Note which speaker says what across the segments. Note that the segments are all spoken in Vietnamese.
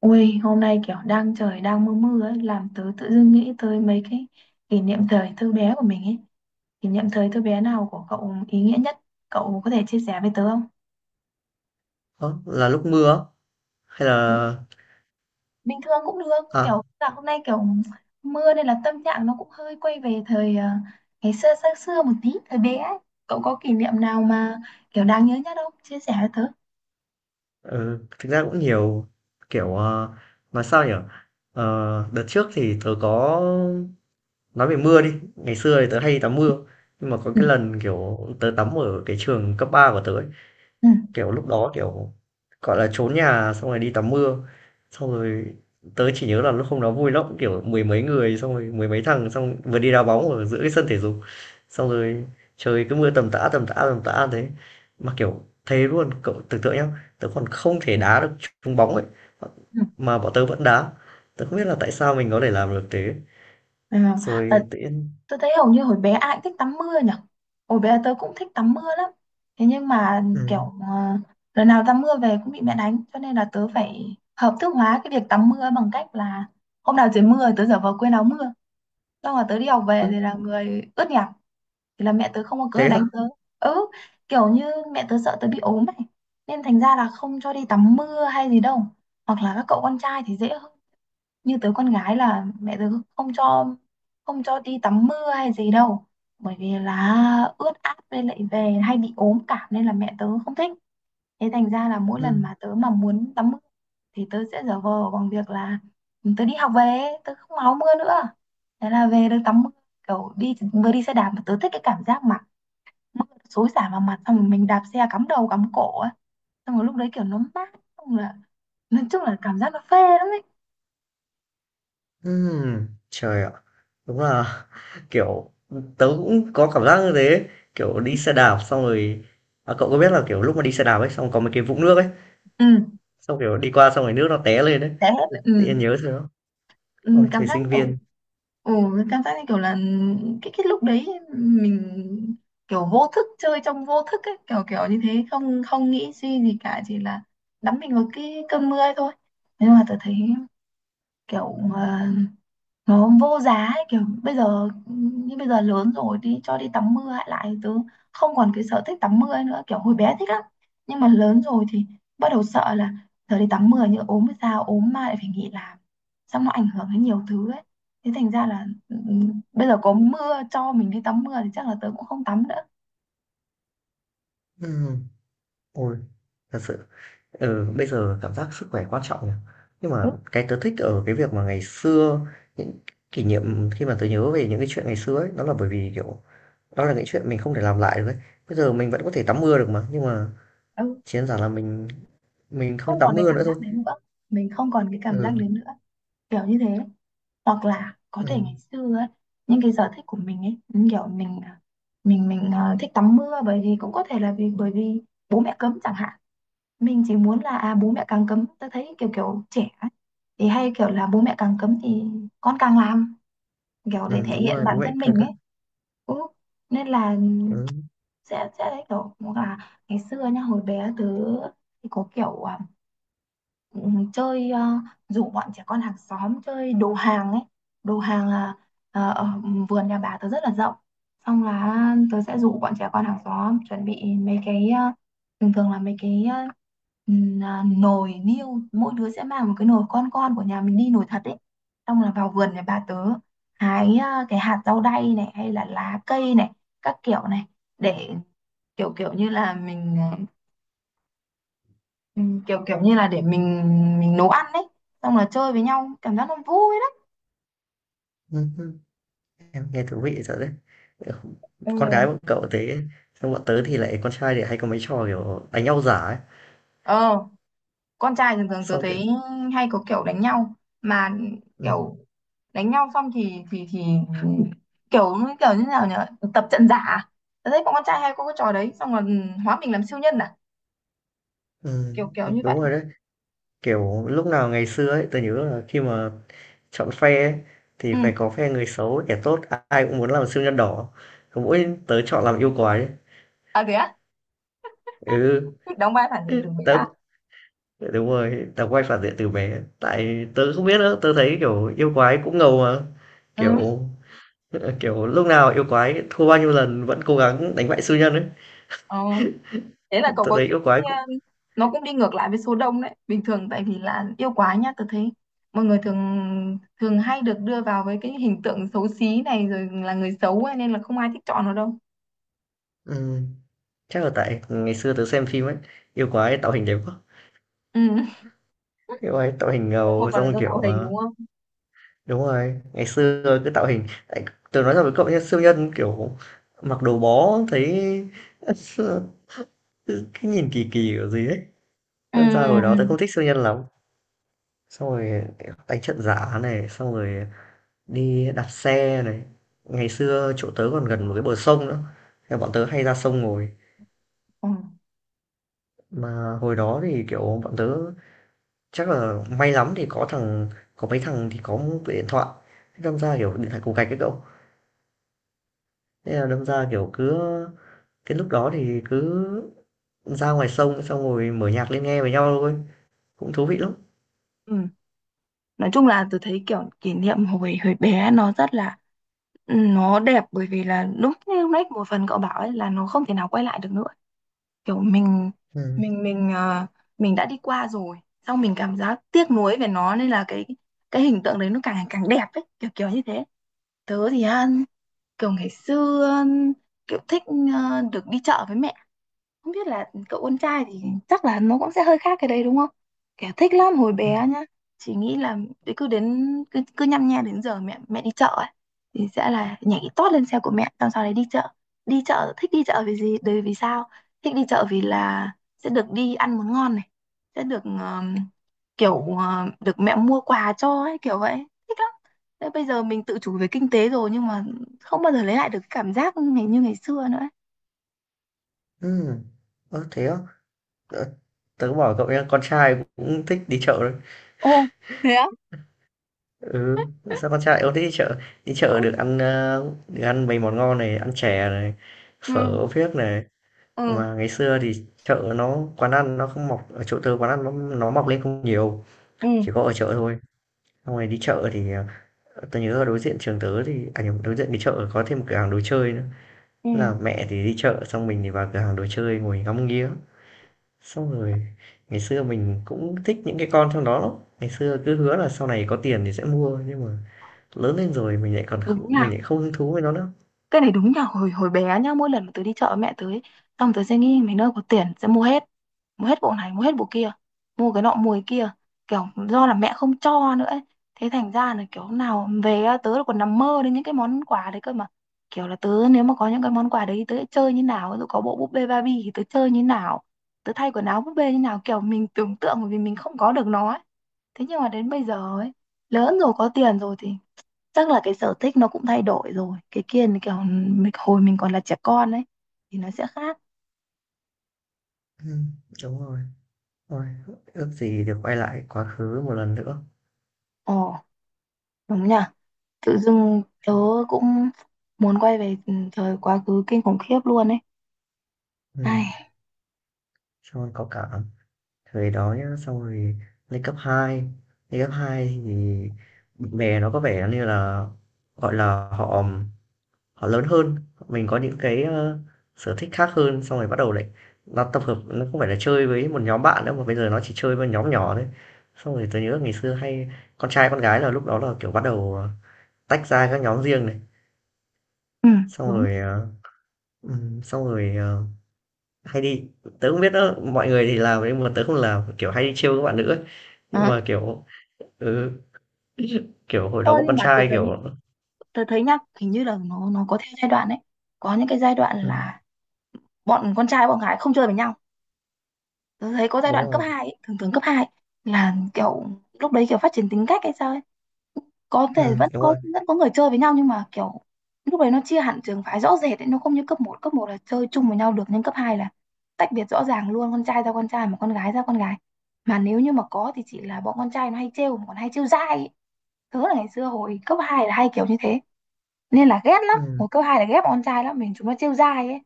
Speaker 1: Ui, hôm nay kiểu đang trời đang mưa mưa ấy, làm tớ tự dưng nghĩ tới mấy cái kỷ niệm thời thơ bé của mình ấy. Kỷ niệm thời thơ bé nào của cậu ý nghĩa nhất? Cậu có thể chia sẻ với tớ không?
Speaker 2: Ơ, là lúc mưa á? Hay là
Speaker 1: Bình thường cũng được,
Speaker 2: à,
Speaker 1: kiểu là hôm nay kiểu mưa nên là tâm trạng nó cũng hơi quay về thời ngày xưa xa xưa một tí, thời bé ấy. Cậu có kỷ niệm nào mà kiểu đáng nhớ nhất không? Chia sẻ với tớ.
Speaker 2: ừ, thực ra cũng nhiều, kiểu, ờ, nói sao nhỉ? Đợt trước thì tớ có nói về mưa đi. Ngày xưa thì tớ hay tắm mưa, nhưng mà có
Speaker 1: Ừ,
Speaker 2: cái lần, kiểu, tớ tắm ở cái trường cấp 3 của tớ ấy.
Speaker 1: ừ,
Speaker 2: Kiểu, lúc đó, kiểu, gọi là trốn nhà xong rồi đi tắm mưa, xong rồi tớ chỉ nhớ là lúc hôm đó vui lắm, kiểu, mười mấy người, xong rồi mười mấy thằng, xong vừa đi đá bóng ở giữa cái sân thể dục, xong rồi trời cứ mưa tầm tã, tầm tã, tầm tã thế. Mà, kiểu, thế luôn, cậu tưởng tượng nhá, tớ còn không thể đá được trúng bóng ấy, mà bọn tớ vẫn đá. Tớ không biết là tại sao mình có thể làm được thế.
Speaker 1: ừ. À,
Speaker 2: Rồi tự nhiên
Speaker 1: tôi thấy hầu như hồi bé ai cũng thích tắm mưa nhỉ. Hồi bé tớ cũng thích tắm mưa lắm. Thế nhưng mà kiểu ờ, lần nào tắm mưa về cũng bị mẹ đánh. Cho nên là tớ phải hợp thức hóa cái việc tắm mưa bằng cách là hôm nào trời mưa tớ giả vờ quên áo mưa. Xong là tớ đi học về thì là người ướt nhẹp. Thì là mẹ tớ không có cớ để
Speaker 2: thế á?
Speaker 1: đánh tớ. Ừ, kiểu như mẹ tớ sợ tớ bị ốm này. Nên thành ra là không cho đi tắm mưa hay gì đâu. Hoặc là các cậu con trai thì dễ hơn như tớ con gái là mẹ tớ không cho không cho đi tắm mưa hay gì đâu bởi vì là ướt át với lại về hay bị ốm cảm nên là mẹ tớ không thích, thế thành ra là mỗi lần
Speaker 2: Ừm.
Speaker 1: mà tớ mà muốn tắm mưa thì tớ sẽ giả vờ bằng việc là tớ đi học về tớ không áo mưa nữa, thế là về được tắm mưa, kiểu đi vừa đi xe đạp mà tớ thích cái cảm giác mà mưa xối xả vào mặt xong rồi mình đạp xe cắm đầu cắm cổ ấy, xong rồi lúc đấy kiểu nó mát, xong là nói chung là cảm giác nó phê lắm ấy.
Speaker 2: Trời ạ, đúng là, kiểu, tớ cũng có cảm giác như thế, kiểu, đi xe đạp xong rồi à, cậu có biết là, kiểu, lúc mà đi xe đạp ấy, xong có mấy cái vũng nước ấy,
Speaker 1: Ừ,
Speaker 2: xong, kiểu, đi qua xong rồi nước nó té lên ấy,
Speaker 1: thế hết. Ừ,
Speaker 2: tự nhiên nhớ rồi đó.
Speaker 1: ừ,
Speaker 2: Ôi,
Speaker 1: cảm
Speaker 2: thời
Speaker 1: giác
Speaker 2: sinh
Speaker 1: kiểu
Speaker 2: viên,
Speaker 1: ừ, cảm giác như kiểu là cái lúc đấy mình kiểu vô thức, chơi trong vô thức ấy, kiểu kiểu như thế, không không nghĩ suy gì cả, chỉ là đắm mình vào cái cơn mưa ấy thôi. Nhưng mà tôi thấy kiểu nó vô giá ấy, kiểu bây giờ như bây giờ lớn rồi đi cho đi tắm mưa lại, tớ không còn cái sở thích tắm mưa nữa, kiểu hồi bé thích lắm nhưng mà lớn rồi thì bắt đầu sợ là giờ đi tắm mưa như ốm hay sao, ốm mà lại phải nghỉ làm, xong nó ảnh hưởng đến nhiều thứ ấy. Thế thành ra là bây giờ có mưa cho mình đi tắm mưa thì chắc là tớ cũng không tắm nữa.
Speaker 2: ừm, ôi, thật sự, ừ, bây giờ cảm giác sức khỏe quan trọng nhỉ. Nhưng
Speaker 1: Ừ,
Speaker 2: mà cái tớ thích ở cái việc mà ngày xưa, những kỷ niệm khi mà tớ nhớ về những cái chuyện ngày xưa ấy, đó là bởi vì, kiểu, đó là những chuyện mình không thể làm lại được ấy. Bây giờ mình vẫn có thể tắm mưa được mà, nhưng mà
Speaker 1: ừ.
Speaker 2: chiến đơn là mình không
Speaker 1: Không
Speaker 2: tắm
Speaker 1: còn cái
Speaker 2: mưa
Speaker 1: cảm
Speaker 2: nữa thôi.
Speaker 1: giác đấy nữa, mình không còn cái cảm giác
Speaker 2: Ừ,
Speaker 1: đấy nữa, kiểu như thế. Hoặc là có thể ngày
Speaker 2: ừ,
Speaker 1: xưa ấy, những cái sở thích của mình ấy, những kiểu mình à, mình thích tắm mưa bởi vì cũng có thể là bởi vì bố mẹ cấm chẳng hạn, mình chỉ muốn là à, bố mẹ càng cấm tôi thấy kiểu kiểu trẻ ấy, thì hay kiểu là bố mẹ càng cấm thì con càng làm, kiểu để
Speaker 2: ừ,
Speaker 1: thể
Speaker 2: đúng
Speaker 1: hiện
Speaker 2: rồi, bố
Speaker 1: bản
Speaker 2: mẹ
Speaker 1: thân
Speaker 2: cơ
Speaker 1: mình
Speaker 2: cơ.
Speaker 1: ấy. Ừ. Nên là
Speaker 2: Ừ.
Speaker 1: sẽ đấy kiểu cũng là ngày xưa nhá, hồi bé tớ thì có kiểu à, ừ, chơi rủ bọn trẻ con hàng xóm chơi đồ hàng ấy. Đồ hàng là ở vườn nhà bà tớ rất là rộng, xong là tớ sẽ rủ bọn trẻ con hàng xóm chuẩn bị mấy cái thường thường là mấy cái nồi niêu, mỗi đứa sẽ mang một cái nồi con của nhà mình đi, nồi thật ấy, xong là vào vườn nhà bà tớ hái à, cái hạt rau đay này hay là lá cây này, các kiểu này, để kiểu kiểu như là mình ừ, kiểu kiểu như là để mình nấu ăn đấy, xong là chơi với nhau cảm giác nó vui lắm.
Speaker 2: ừ, ừ. Em nghe thú vị thật đấy. Ừ,
Speaker 1: Ừ.
Speaker 2: con gái bọn cậu thế, xong bọn tớ thì lại con trai thì hay có mấy trò kiểu đánh nhau giả ấy.
Speaker 1: ờ con trai thường thường tớ
Speaker 2: Xong kiểu
Speaker 1: thấy hay có kiểu đánh nhau, mà
Speaker 2: ừ,
Speaker 1: kiểu đánh nhau xong thì thì kiểu kiểu như nào nhỉ, tập trận giả, tớ thấy bọn con trai hay có cái trò đấy, xong rồi ừ, hóa mình làm siêu nhân à,
Speaker 2: ừ,
Speaker 1: kiểu kiểu như
Speaker 2: đúng
Speaker 1: vậy.
Speaker 2: rồi đấy. Kiểu lúc nào ngày xưa ấy, tớ nhớ là khi mà chọn phe ấy, thì
Speaker 1: Ừ,
Speaker 2: phải có phe người xấu, kẻ tốt, ai cũng muốn làm siêu nhân đỏ. Còn mỗi tớ chọn làm yêu quái ấy.
Speaker 1: à thế á,
Speaker 2: Ừ,
Speaker 1: thích đóng vai phản diện từ bé
Speaker 2: tớ
Speaker 1: à?
Speaker 2: dạ, đúng rồi tao quay phản diện từ bé tại tớ không biết nữa, tớ thấy kiểu yêu quái cũng ngầu mà,
Speaker 1: Ừ.
Speaker 2: kiểu kiểu lúc nào yêu quái thua bao nhiêu lần vẫn cố gắng đánh bại siêu nhân ấy.
Speaker 1: ờ Thế là cậu
Speaker 2: Tớ
Speaker 1: có
Speaker 2: thấy
Speaker 1: suy
Speaker 2: yêu quái
Speaker 1: nghĩ,
Speaker 2: cũng
Speaker 1: nó cũng đi ngược lại với số đông đấy bình thường, tại vì là yêu quá nhá tôi thấy mọi người thường thường hay được đưa vào với cái hình tượng xấu xí này rồi là người xấu ấy, nên là không ai thích chọn nó đâu.
Speaker 2: ừm, chắc là tại ngày xưa tớ xem phim ấy, yêu quái tạo hình đẹp quá,
Speaker 1: Ừ.
Speaker 2: yêu quái tạo hình
Speaker 1: Thế một
Speaker 2: ngầu
Speaker 1: phần là
Speaker 2: xong
Speaker 1: do tạo hình đúng không?
Speaker 2: đúng rồi ngày xưa cứ tạo hình tại tớ nói thật với cậu nhé, siêu nhân kiểu mặc đồ bó thấy cái nhìn kỳ kỳ kiểu gì ấy.
Speaker 1: Ừ,
Speaker 2: Thế sao
Speaker 1: ừ,
Speaker 2: hồi
Speaker 1: ừ.
Speaker 2: đó tớ không thích siêu nhân lắm, xong rồi đánh trận giả này, xong rồi đi đạp xe này, ngày xưa chỗ tớ còn gần một cái bờ sông nữa. Thế là bọn tớ hay ra sông ngồi,
Speaker 1: Ừ.
Speaker 2: mà hồi đó thì kiểu bọn tớ chắc là may lắm thì có mấy thằng thì có một cái điện thoại, thế đâm ra kiểu điện thoại cục gạch ấy cậu, thế là đâm ra kiểu cứ cái lúc đó thì cứ ra ngoài sông xong rồi mở nhạc lên nghe với nhau thôi, cũng thú vị lắm.
Speaker 1: Ừ. Nói chung là tôi thấy kiểu kỷ niệm hồi hồi bé nó rất là, nó đẹp bởi vì là lúc như lúc nãy một phần cậu bảo ấy là nó không thể nào quay lại được nữa, kiểu mình
Speaker 2: Ừ
Speaker 1: mình mình đã đi qua rồi, xong mình cảm giác tiếc nuối về nó nên là cái hình tượng đấy nó càng ngày càng đẹp ấy, kiểu kiểu như thế. Tớ thì kiểu ngày xưa kiểu thích được đi chợ với mẹ, không biết là cậu con trai thì chắc là nó cũng sẽ hơi khác cái đấy đúng không? Kẻ thích lắm hồi
Speaker 2: ừ
Speaker 1: bé nhá. Chỉ nghĩ là đấy cứ nhăm nhe đến giờ mẹ mẹ đi chợ ấy thì sẽ là nhảy tót lên xe của mẹ xong sau đấy đi chợ. Đi chợ thích, đi chợ vì gì? Đấy vì sao? Thích đi chợ vì là sẽ được đi ăn món ngon này, sẽ được kiểu được mẹ mua quà cho ấy kiểu vậy. Thích lắm. Thế bây giờ mình tự chủ về kinh tế rồi nhưng mà không bao giờ lấy lại được cái cảm giác ngày như ngày xưa nữa ấy.
Speaker 2: ừ Ơ, thế á. Ờ, tớ bảo cậu nha, con trai cũng thích đi chợ đấy.
Speaker 1: Ồ, thế á?
Speaker 2: Ừ, sao con trai ông thích đi chợ? Đi chợ được được ăn mấy món ngon này, ăn chè này,
Speaker 1: Ừ,
Speaker 2: phở phiếc này,
Speaker 1: ừ,
Speaker 2: mà ngày xưa thì chợ nó quán ăn nó mọc lên không nhiều,
Speaker 1: ừ,
Speaker 2: chỉ có ở chợ thôi, xong rồi đi chợ thì ờ, tớ nhớ ở đối diện trường tớ thì à nhầm, đối diện cái chợ có thêm một cửa hàng đồ chơi nữa.
Speaker 1: ừ,
Speaker 2: Thế là mẹ thì đi chợ xong mình thì vào cửa hàng đồ chơi ngồi ngắm nghía, xong rồi ngày xưa mình cũng thích những cái con trong đó lắm, ngày xưa cứ hứa là sau này có tiền thì sẽ mua, nhưng mà lớn lên rồi
Speaker 1: đúng nhỉ,
Speaker 2: mình lại không hứng thú với nó nữa.
Speaker 1: cái này đúng nhỉ, hồi hồi bé nhá, mỗi lần mà tớ đi chợ với mẹ tớ ấy, xong tớ sẽ nghĩ mấy nơi có tiền sẽ mua hết, mua hết bộ này, mua hết bộ kia, mua cái nọ mua cái kia, kiểu do là mẹ không cho nữa ấy. Thế thành ra là kiểu nào về á, tớ còn nằm mơ đến những cái món quà đấy cơ mà, kiểu là tớ nếu mà có những cái món quà đấy thì tớ sẽ chơi như nào, ví dụ có bộ búp bê Barbie thì tớ chơi như nào, tớ thay quần áo búp bê như nào, kiểu mình tưởng tượng bởi vì mình không có được nó ấy. Thế nhưng mà đến bây giờ ấy, lớn rồi có tiền rồi thì chắc là cái sở thích nó cũng thay đổi rồi, cái kia là kiểu mình hồi mình còn là trẻ con ấy thì nó sẽ khác.
Speaker 2: Ừ, đúng rồi. Ôi, ước gì được quay lại quá khứ một lần nữa.
Speaker 1: Ồ, đúng nhỉ, tự dưng tớ cũng muốn quay về ừ, thời quá khứ kinh khủng khiếp luôn ấy.
Speaker 2: Ừ,
Speaker 1: Ai.
Speaker 2: cho nó có cảm thời đó nhá, xong rồi lên cấp 2, lên cấp 2 thì bạn bè nó có vẻ như là gọi là họ họ lớn hơn, mình có những sở thích khác hơn, xong rồi bắt đầu lại, nó tập hợp nó không phải là chơi với một nhóm bạn nữa mà bây giờ nó chỉ chơi với nhóm nhỏ thôi, xong rồi tôi nhớ ngày xưa hay con trai con gái là lúc đó là kiểu tách ra các nhóm riêng này,
Speaker 1: Ừ,
Speaker 2: xong
Speaker 1: đúng.
Speaker 2: rồi ờ, ừm, xong rồi ờ, hay đi, tớ không biết đó mọi người thì làm nhưng mà tớ không làm, kiểu hay đi trêu các bạn nữ ấy. Nhưng
Speaker 1: Ờ,
Speaker 2: mà kiểu ừ, kiểu hồi
Speaker 1: Ơ
Speaker 2: đó bọn
Speaker 1: nhưng
Speaker 2: con
Speaker 1: mà tớ
Speaker 2: trai kiểu
Speaker 1: thấy, tớ thấy nhá, hình như là nó có theo giai đoạn ấy, có những cái giai đoạn
Speaker 2: ừ,
Speaker 1: là bọn con trai bọn gái không chơi với nhau, tớ thấy có giai
Speaker 2: đúng
Speaker 1: đoạn cấp
Speaker 2: rồi
Speaker 1: 2 ấy, thường thường cấp 2 là kiểu lúc đấy kiểu phát triển tính cách hay sao ấy, có thể
Speaker 2: ừ, đúng rồi
Speaker 1: vẫn có người chơi với nhau nhưng mà kiểu lúc đấy nó chia hẳn trường phái rõ rệt ấy, nó không như cấp một, cấp một là chơi chung với nhau được nhưng cấp 2 là tách biệt rõ ràng luôn, con trai ra con trai mà con gái ra con gái, mà nếu như mà có thì chỉ là bọn con trai nó hay trêu, còn hay trêu dai ấy. Tớ là ngày xưa hồi cấp 2 là hay kiểu như thế, nên là ghét lắm,
Speaker 2: ừ,
Speaker 1: hồi cấp hai là ghét bọn con trai lắm, mình chúng nó trêu dai ấy,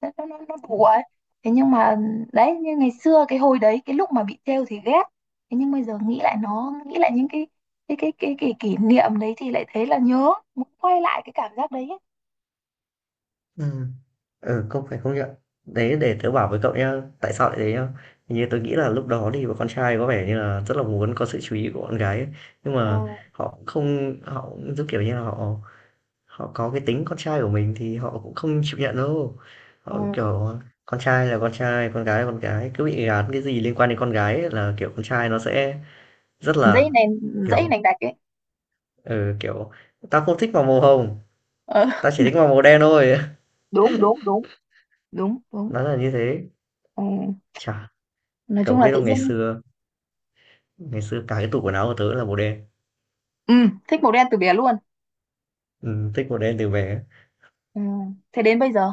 Speaker 1: nó đùa ấy. Thế nhưng mà đấy, như ngày xưa cái hồi đấy cái lúc mà bị trêu thì ghét, thế nhưng bây giờ nghĩ lại, nghĩ lại những cái cái kỷ niệm đấy thì lại thấy là nhớ, muốn quay lại cái cảm giác đấy ấy.
Speaker 2: ừ, ừ, không phải không nhận. Đấy để tớ bảo với cậu nhá tại sao lại thế nhá. Hình như tớ nghĩ là lúc đó thì bọn con trai có vẻ như là rất là muốn có sự chú ý của con gái ấy. Nhưng mà
Speaker 1: Ừ,
Speaker 2: họ không, họ cũng giống kiểu như là họ họ có cái tính con trai của mình thì họ cũng không chịu nhận đâu.
Speaker 1: ừ.
Speaker 2: Họ, kiểu, con trai là con trai, con gái là con gái, cứ bị gán cái gì liên quan đến con gái ấy là, kiểu, con trai nó sẽ rất
Speaker 1: Dãy
Speaker 2: là,
Speaker 1: này, dãy
Speaker 2: kiểu,
Speaker 1: này đặc ấy.
Speaker 2: ừ, kiểu, "Tao không thích màu màu hồng,
Speaker 1: Ờ,
Speaker 2: tao chỉ thích màu màu đen thôi."
Speaker 1: đúng đúng đúng, đúng đúng.
Speaker 2: Nó là như thế.
Speaker 1: Ừ.
Speaker 2: Chả,
Speaker 1: Nói
Speaker 2: cậu
Speaker 1: chung là
Speaker 2: biết
Speaker 1: tự
Speaker 2: không, ngày
Speaker 1: dưng
Speaker 2: xưa ngày xưa cả cái tủ quần áo của tớ là màu đen.
Speaker 1: ừ, thích màu đen từ bé luôn.
Speaker 2: Thích màu đen từ bé,
Speaker 1: Ừ. Thế đến bây giờ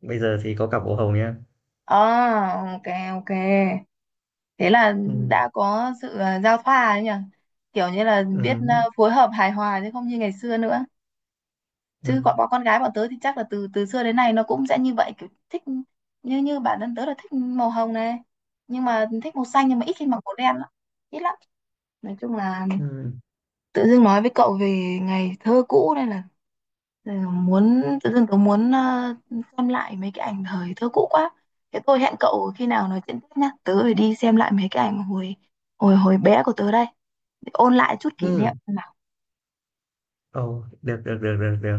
Speaker 2: bây giờ thì có cả màu hồng nha.
Speaker 1: à, ok, ok, thế là
Speaker 2: Ừ
Speaker 1: đã có sự giao thoa ấy nhỉ, kiểu như là biết
Speaker 2: ừ
Speaker 1: phối hợp hài hòa chứ không như ngày xưa nữa, chứ
Speaker 2: ừ
Speaker 1: bọn bọn con gái bọn tớ thì chắc là từ từ xưa đến nay nó cũng sẽ như vậy, kiểu thích như như bản thân tớ là thích màu hồng này, nhưng mà thích màu xanh, nhưng mà ít khi mặc màu đen lắm, ít lắm. Nói chung là
Speaker 2: ừ
Speaker 1: tự dưng nói với cậu về ngày thơ cũ đây là, rồi muốn, tự dưng tớ muốn xem lại mấy cái ảnh thời thơ cũ quá. Thế tôi hẹn cậu khi nào nói chuyện tiếp nhá. Tớ phải đi xem lại mấy cái ảnh hồi hồi hồi bé của tớ đây. Để ôn lại chút kỷ niệm
Speaker 2: ừm.
Speaker 1: nào.
Speaker 2: Ồ, được, được, được, được, được.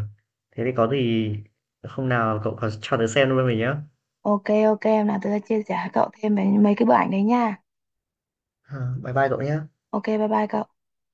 Speaker 2: Thế thì có gì hôm nào cậu có cho tớ xem luôn mình nhé.
Speaker 1: Ok ok, em nào tớ sẽ chia sẻ với cậu thêm về mấy cái bức ảnh đấy nha.
Speaker 2: Bye bye cậu nhé.
Speaker 1: Ok, bye bye cậu.